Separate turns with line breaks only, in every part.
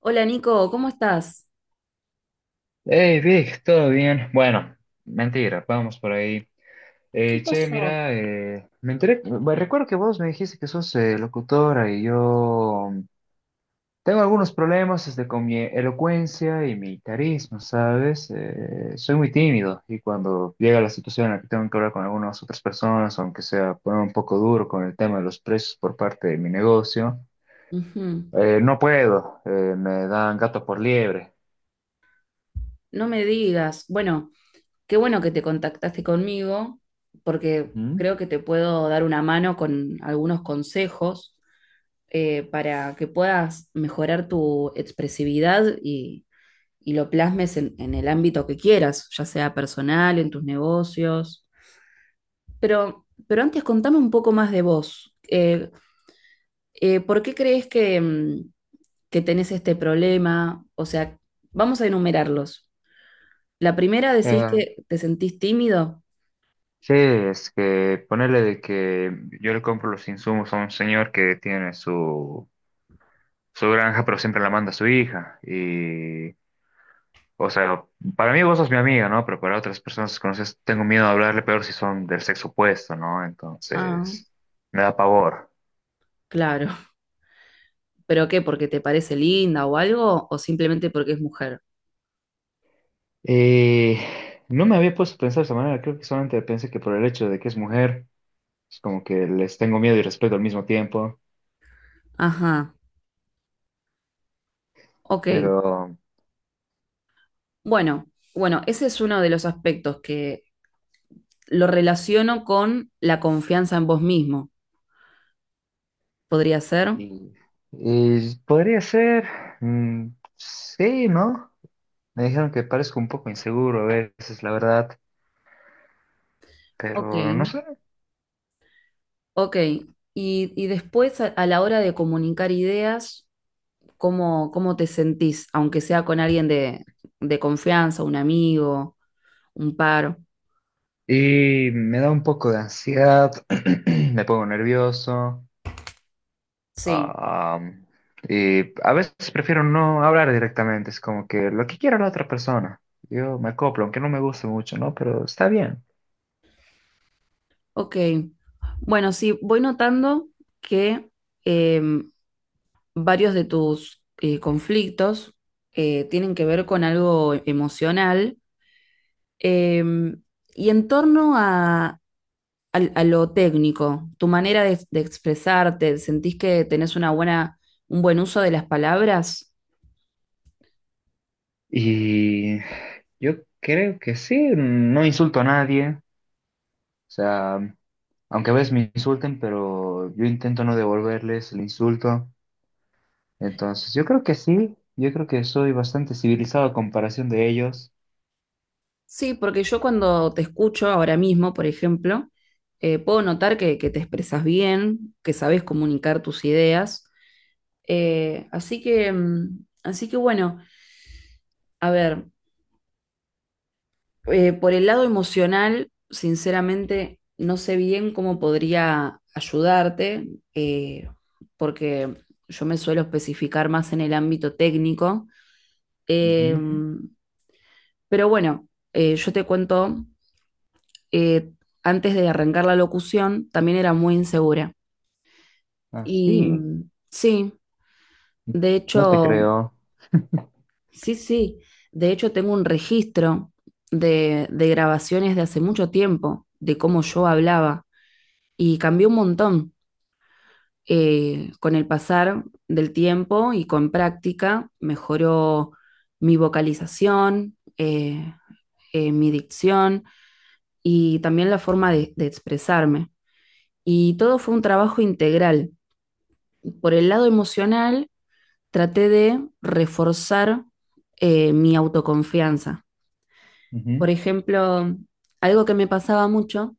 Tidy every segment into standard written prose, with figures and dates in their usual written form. Hola Nico, ¿cómo estás?
Hey Vic, ¿todo bien? Bueno, mentira, vamos por ahí.
¿Qué
Che,
pasó?
mira, me enteré, bueno, recuerdo que vos me dijiste que sos locutora y yo tengo algunos problemas este, con mi elocuencia y mi carisma, ¿sabes? Soy muy tímido y cuando llega la situación en la que tengo que hablar con algunas otras personas, aunque sea poner un poco duro con el tema de los precios por parte de mi negocio,
Ujú.
no puedo, me dan gato por liebre.
No me digas. Bueno, qué bueno que te contactaste conmigo porque creo que te puedo dar una mano con algunos consejos para que puedas mejorar tu expresividad y lo plasmes en el ámbito que quieras, ya sea personal, en tus negocios. Pero antes contame un poco más de vos. ¿Por qué crees que, que tenés este problema? O sea, vamos a enumerarlos. La primera, decís
Ujú.
que te sentís tímido.
Sí, es que ponerle de que yo le compro los insumos a un señor que tiene su granja, pero siempre la manda a su hija. Y, o sea, para mí vos sos mi amiga, ¿no? Pero para otras personas que conoces, tengo miedo de hablarle, peor si son del sexo opuesto, ¿no?
Ah,
Entonces, me da pavor.
claro. ¿Pero qué? ¿Porque te parece linda o algo? ¿O simplemente porque es mujer?
Y no me había puesto a pensar de esa manera, creo que solamente pensé que por el hecho de que es mujer, es como que les tengo miedo y respeto al mismo tiempo,
Ajá, ok.
pero...
Bueno, bueno, ese es uno de los aspectos que lo relaciono con la confianza en vos mismo. ¿Podría ser?
Y, y podría ser, mm, sí, ¿no? Me dijeron que parezco un poco inseguro a veces, la verdad,
Ok,
pero no sé.
ok. Y después a la hora de comunicar ideas, ¿cómo, cómo te sentís? Aunque sea con alguien de confianza, un amigo, un par.
Y me da un poco de ansiedad, me pongo nervioso.
Sí,
Ah, y a veces prefiero no hablar directamente, es como que lo que quiera la otra persona. Yo me acoplo, aunque no me guste mucho, ¿no? Pero está bien.
ok. Bueno, sí, voy notando que eh, varios de tus conflictos tienen que ver con algo emocional, eh, y en torno a, al a lo técnico, tu manera de expresarte, ¿sentís que tenés una buena, un buen uso de las palabras?
Y yo creo que sí, no insulto a nadie. O sea, aunque a veces me insulten, pero yo intento no devolverles el insulto. Entonces, yo creo que sí, yo creo que soy bastante civilizado a comparación de ellos.
Sí, porque yo cuando te escucho ahora mismo, por ejemplo, puedo notar que te expresas bien, que sabes comunicar tus ideas. Así que bueno, a ver, por el lado emocional, sinceramente, no sé bien cómo podría ayudarte, eh, porque yo me suelo especificar más en el ámbito técnico. Eh,
Ujú.
pero bueno, yo te cuento, eh, antes de arrancar la locución, también era muy insegura. Y
Así,
sí, de
no te
hecho,
creo.
sí, sí, de hecho tengo un registro de grabaciones de hace mucho tiempo, de cómo yo hablaba, y cambió un montón con el pasar del tiempo y con práctica. Mejoró mi vocalización, mi dicción y también la forma de expresarme. Y todo fue un trabajo integral. Por el lado emocional, traté de reforzar mi autoconfianza.
Ujú.
Por ejemplo, algo que me pasaba mucho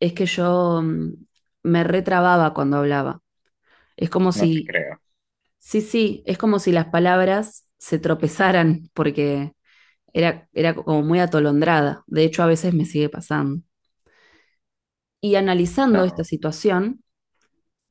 es que yo, me retrababa cuando hablaba. Es como
No te
si,
creo.
sí, sí, es como si las palabras se tropezaran porque era, era como muy atolondrada. De hecho, a veces me sigue pasando. Y analizando esta
No.
situación,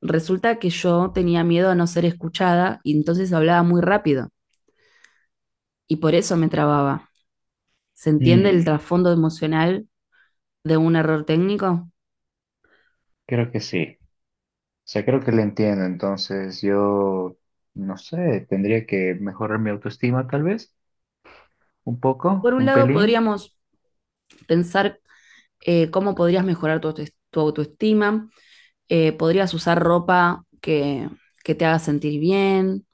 resulta que yo tenía miedo a no ser escuchada y entonces hablaba muy rápido y por eso me trababa. ¿Se entiende el
Mm,
trasfondo emocional de un error técnico?
creo que sí. O sea, creo que le entiendo. Entonces, yo, no sé, tendría que mejorar mi autoestima tal vez, un
Por
poco,
un
un
lado,
pelín,
podríamos pensar cómo podrías mejorar tu, auto- tu autoestima. Podrías usar ropa que te haga sentir bien,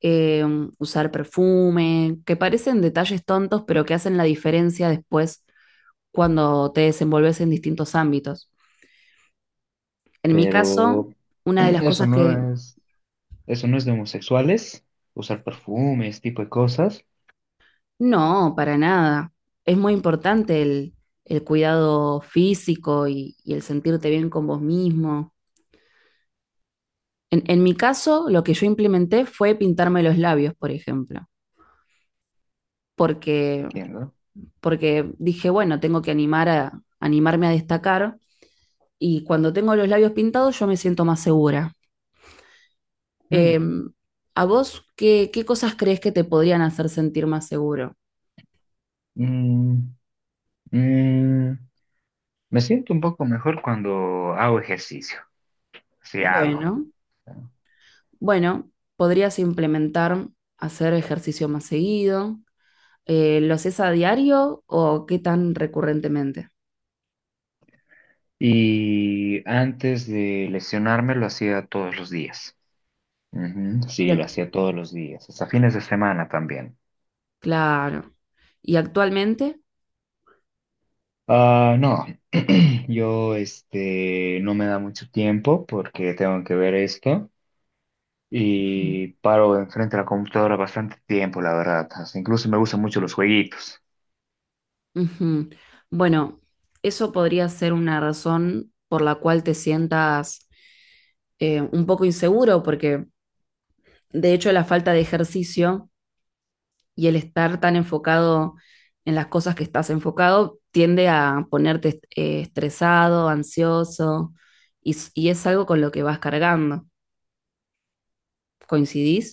eh, usar perfume, que parecen detalles tontos, pero que hacen la diferencia después cuando te desenvolves en distintos ámbitos. En mi
pero
caso, una de las
eso
cosas que...
no es... Eso no es de homosexuales, usar perfumes tipo de cosas.
No, para nada. Es muy importante el cuidado físico y el sentirte bien con vos mismo. En mi caso, lo que yo implementé fue pintarme los labios, por ejemplo, porque,
Entiendo.
porque dije, bueno, tengo que animar a, animarme a destacar, y cuando tengo los labios pintados yo me siento más segura.
Mm,
Em, ¿A vos qué, qué cosas crees que te podrían hacer sentir más seguro?
mm, mm, me siento un poco mejor cuando hago ejercicio, si hago.
Bueno, bueno, podrías implementar hacer ejercicio más seguido. ¿Lo haces a diario o qué tan recurrentemente?
Y antes de lesionarme lo hacía todos los días. Ujú.
Y
Sí, lo
ac-
hacía todos los días, hasta fines de semana también.
claro. ¿Y actualmente?
Ah, no, yo este no me da mucho tiempo porque tengo que ver esto.
Ujú.
Y paro enfrente de la computadora bastante tiempo, la verdad. Hasta incluso me gustan mucho los jueguitos.
Ujú. Bueno, eso podría ser una razón por la cual te sientas un poco inseguro, porque de hecho la falta de ejercicio y el estar tan enfocado en las cosas que estás enfocado tiende a ponerte est- estresado, ansioso, y, s- y es algo con lo que vas cargando. ¿Coincidís?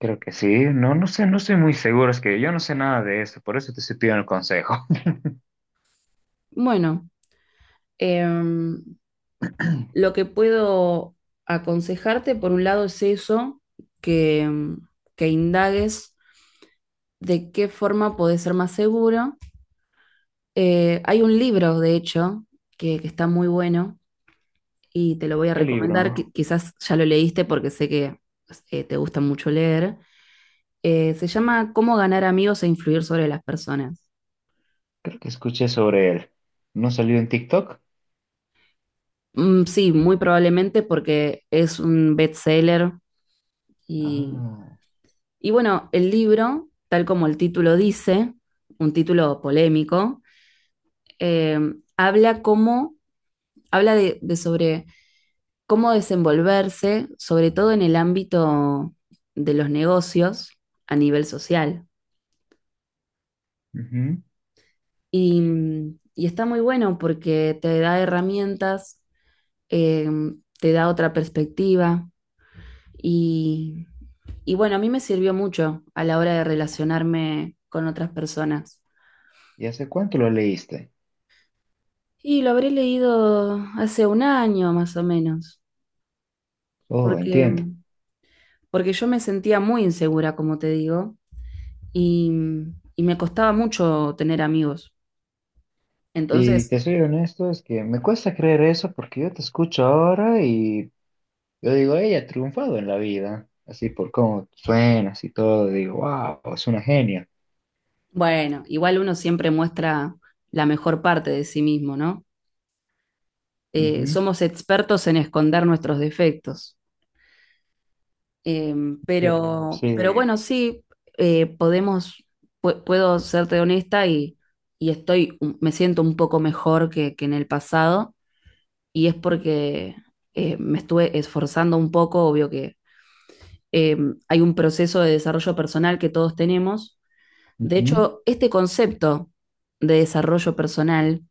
Creo que sí. No, no sé, no estoy muy seguro. Es que yo no sé nada de esto, por eso te estoy pidiendo el consejo.
Bueno. Em, lo que puedo aconsejarte, por un lado, es eso, que, que indagues de qué forma podés ser más seguro. Hay un libro, de hecho, que está muy bueno y te lo voy a
¿Qué
recomendar.
libro?
Qui- quizás ya lo leíste porque sé que te gusta mucho leer. Se llama Cómo ganar amigos e influir sobre las personas.
Creo que escuché sobre él. ¿No salió en TikTok?
Sí, muy probablemente porque es un bestseller.
Ah,
Y bueno, el libro, tal como el título dice, un título polémico, eh, habla cómo, habla de sobre cómo desenvolverse, sobre todo en el ámbito de los negocios a nivel social.
ujú.
Y, y está muy bueno porque te da herramientas, eh, te da otra perspectiva y, y bueno, a mí me sirvió mucho a la hora de relacionarme con otras personas.
¿Y hace cuánto lo leíste?
Y lo habré leído hace un año más o menos,
Oh,
porque,
entiendo.
porque yo me sentía muy insegura, como te digo, y, y me costaba mucho tener amigos.
Y
Entonces,
te soy honesto, es que me cuesta creer eso porque yo te escucho ahora y yo digo, ella ha triunfado en la vida. Así por cómo suenas y todo, digo, wow, es una genia.
bueno, igual uno siempre muestra la mejor parte de sí mismo, ¿no?
Ujú.
Somos expertos en esconder nuestros defectos. Eh,
Yo sí.
pero bueno, sí, podemos, pu- puedo serte honesta y estoy, me siento un poco mejor que en el pasado, y es porque me estuve esforzando un poco. Obvio que eh, hay un proceso de desarrollo personal que todos tenemos. De
Ujú,
hecho, este concepto de desarrollo personal,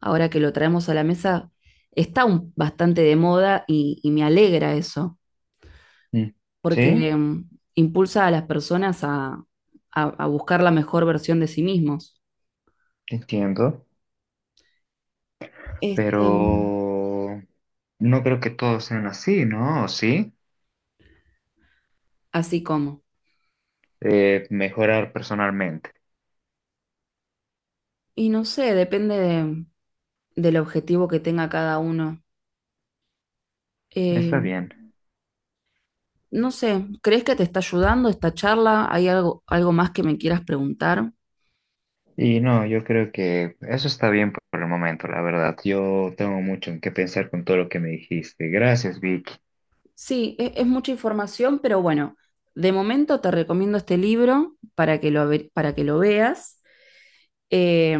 ahora que lo traemos a la mesa, está un- bastante de moda, y me alegra eso,
mm.
porque
Sí,
impulsa a las personas a buscar la mejor versión de sí mismos.
entiendo,
Este,
pero no creo que todos sean así, ¿no? ¿O sí?
así como.
Mejorar personalmente.
Y no sé, depende de- del objetivo que tenga cada uno.
Está
Eh,
bien.
No sé, ¿crees que te está ayudando esta charla? ¿Hay algo, algo más que me quieras preguntar?
Y no, yo creo que eso está bien por el momento, la verdad. Yo tengo mucho en qué pensar con todo lo que me dijiste. Gracias, Vicky.
Sí, e- es mucha información, pero bueno, de momento te recomiendo este libro para que lo, ve- para que lo veas. Eh,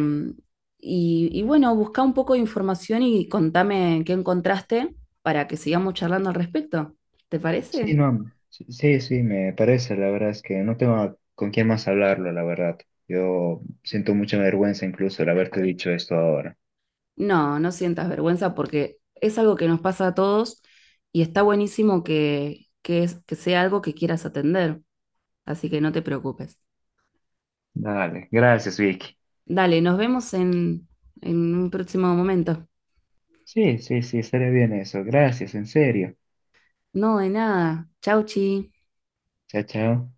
y bueno, busca un poco de información y contame qué encontraste para que sigamos charlando al respecto. ¿Te
Sí,
parece?
no, sí, sí, sí, me parece. La verdad es que no tengo con quién más hablarlo, la verdad. Yo siento mucha vergüenza incluso de haberte dicho esto ahora.
No, no sientas vergüenza porque es algo que nos pasa a todos y está buenísimo que es- que sea algo que quieras atender, así que no te preocupes.
Dale, gracias, Vicky.
Dale, nos vemos en un próximo momento.
Sí, sí, sí, estaría bien eso. Gracias, en serio.
No, de nada. Chau, chi.
Chao, chao.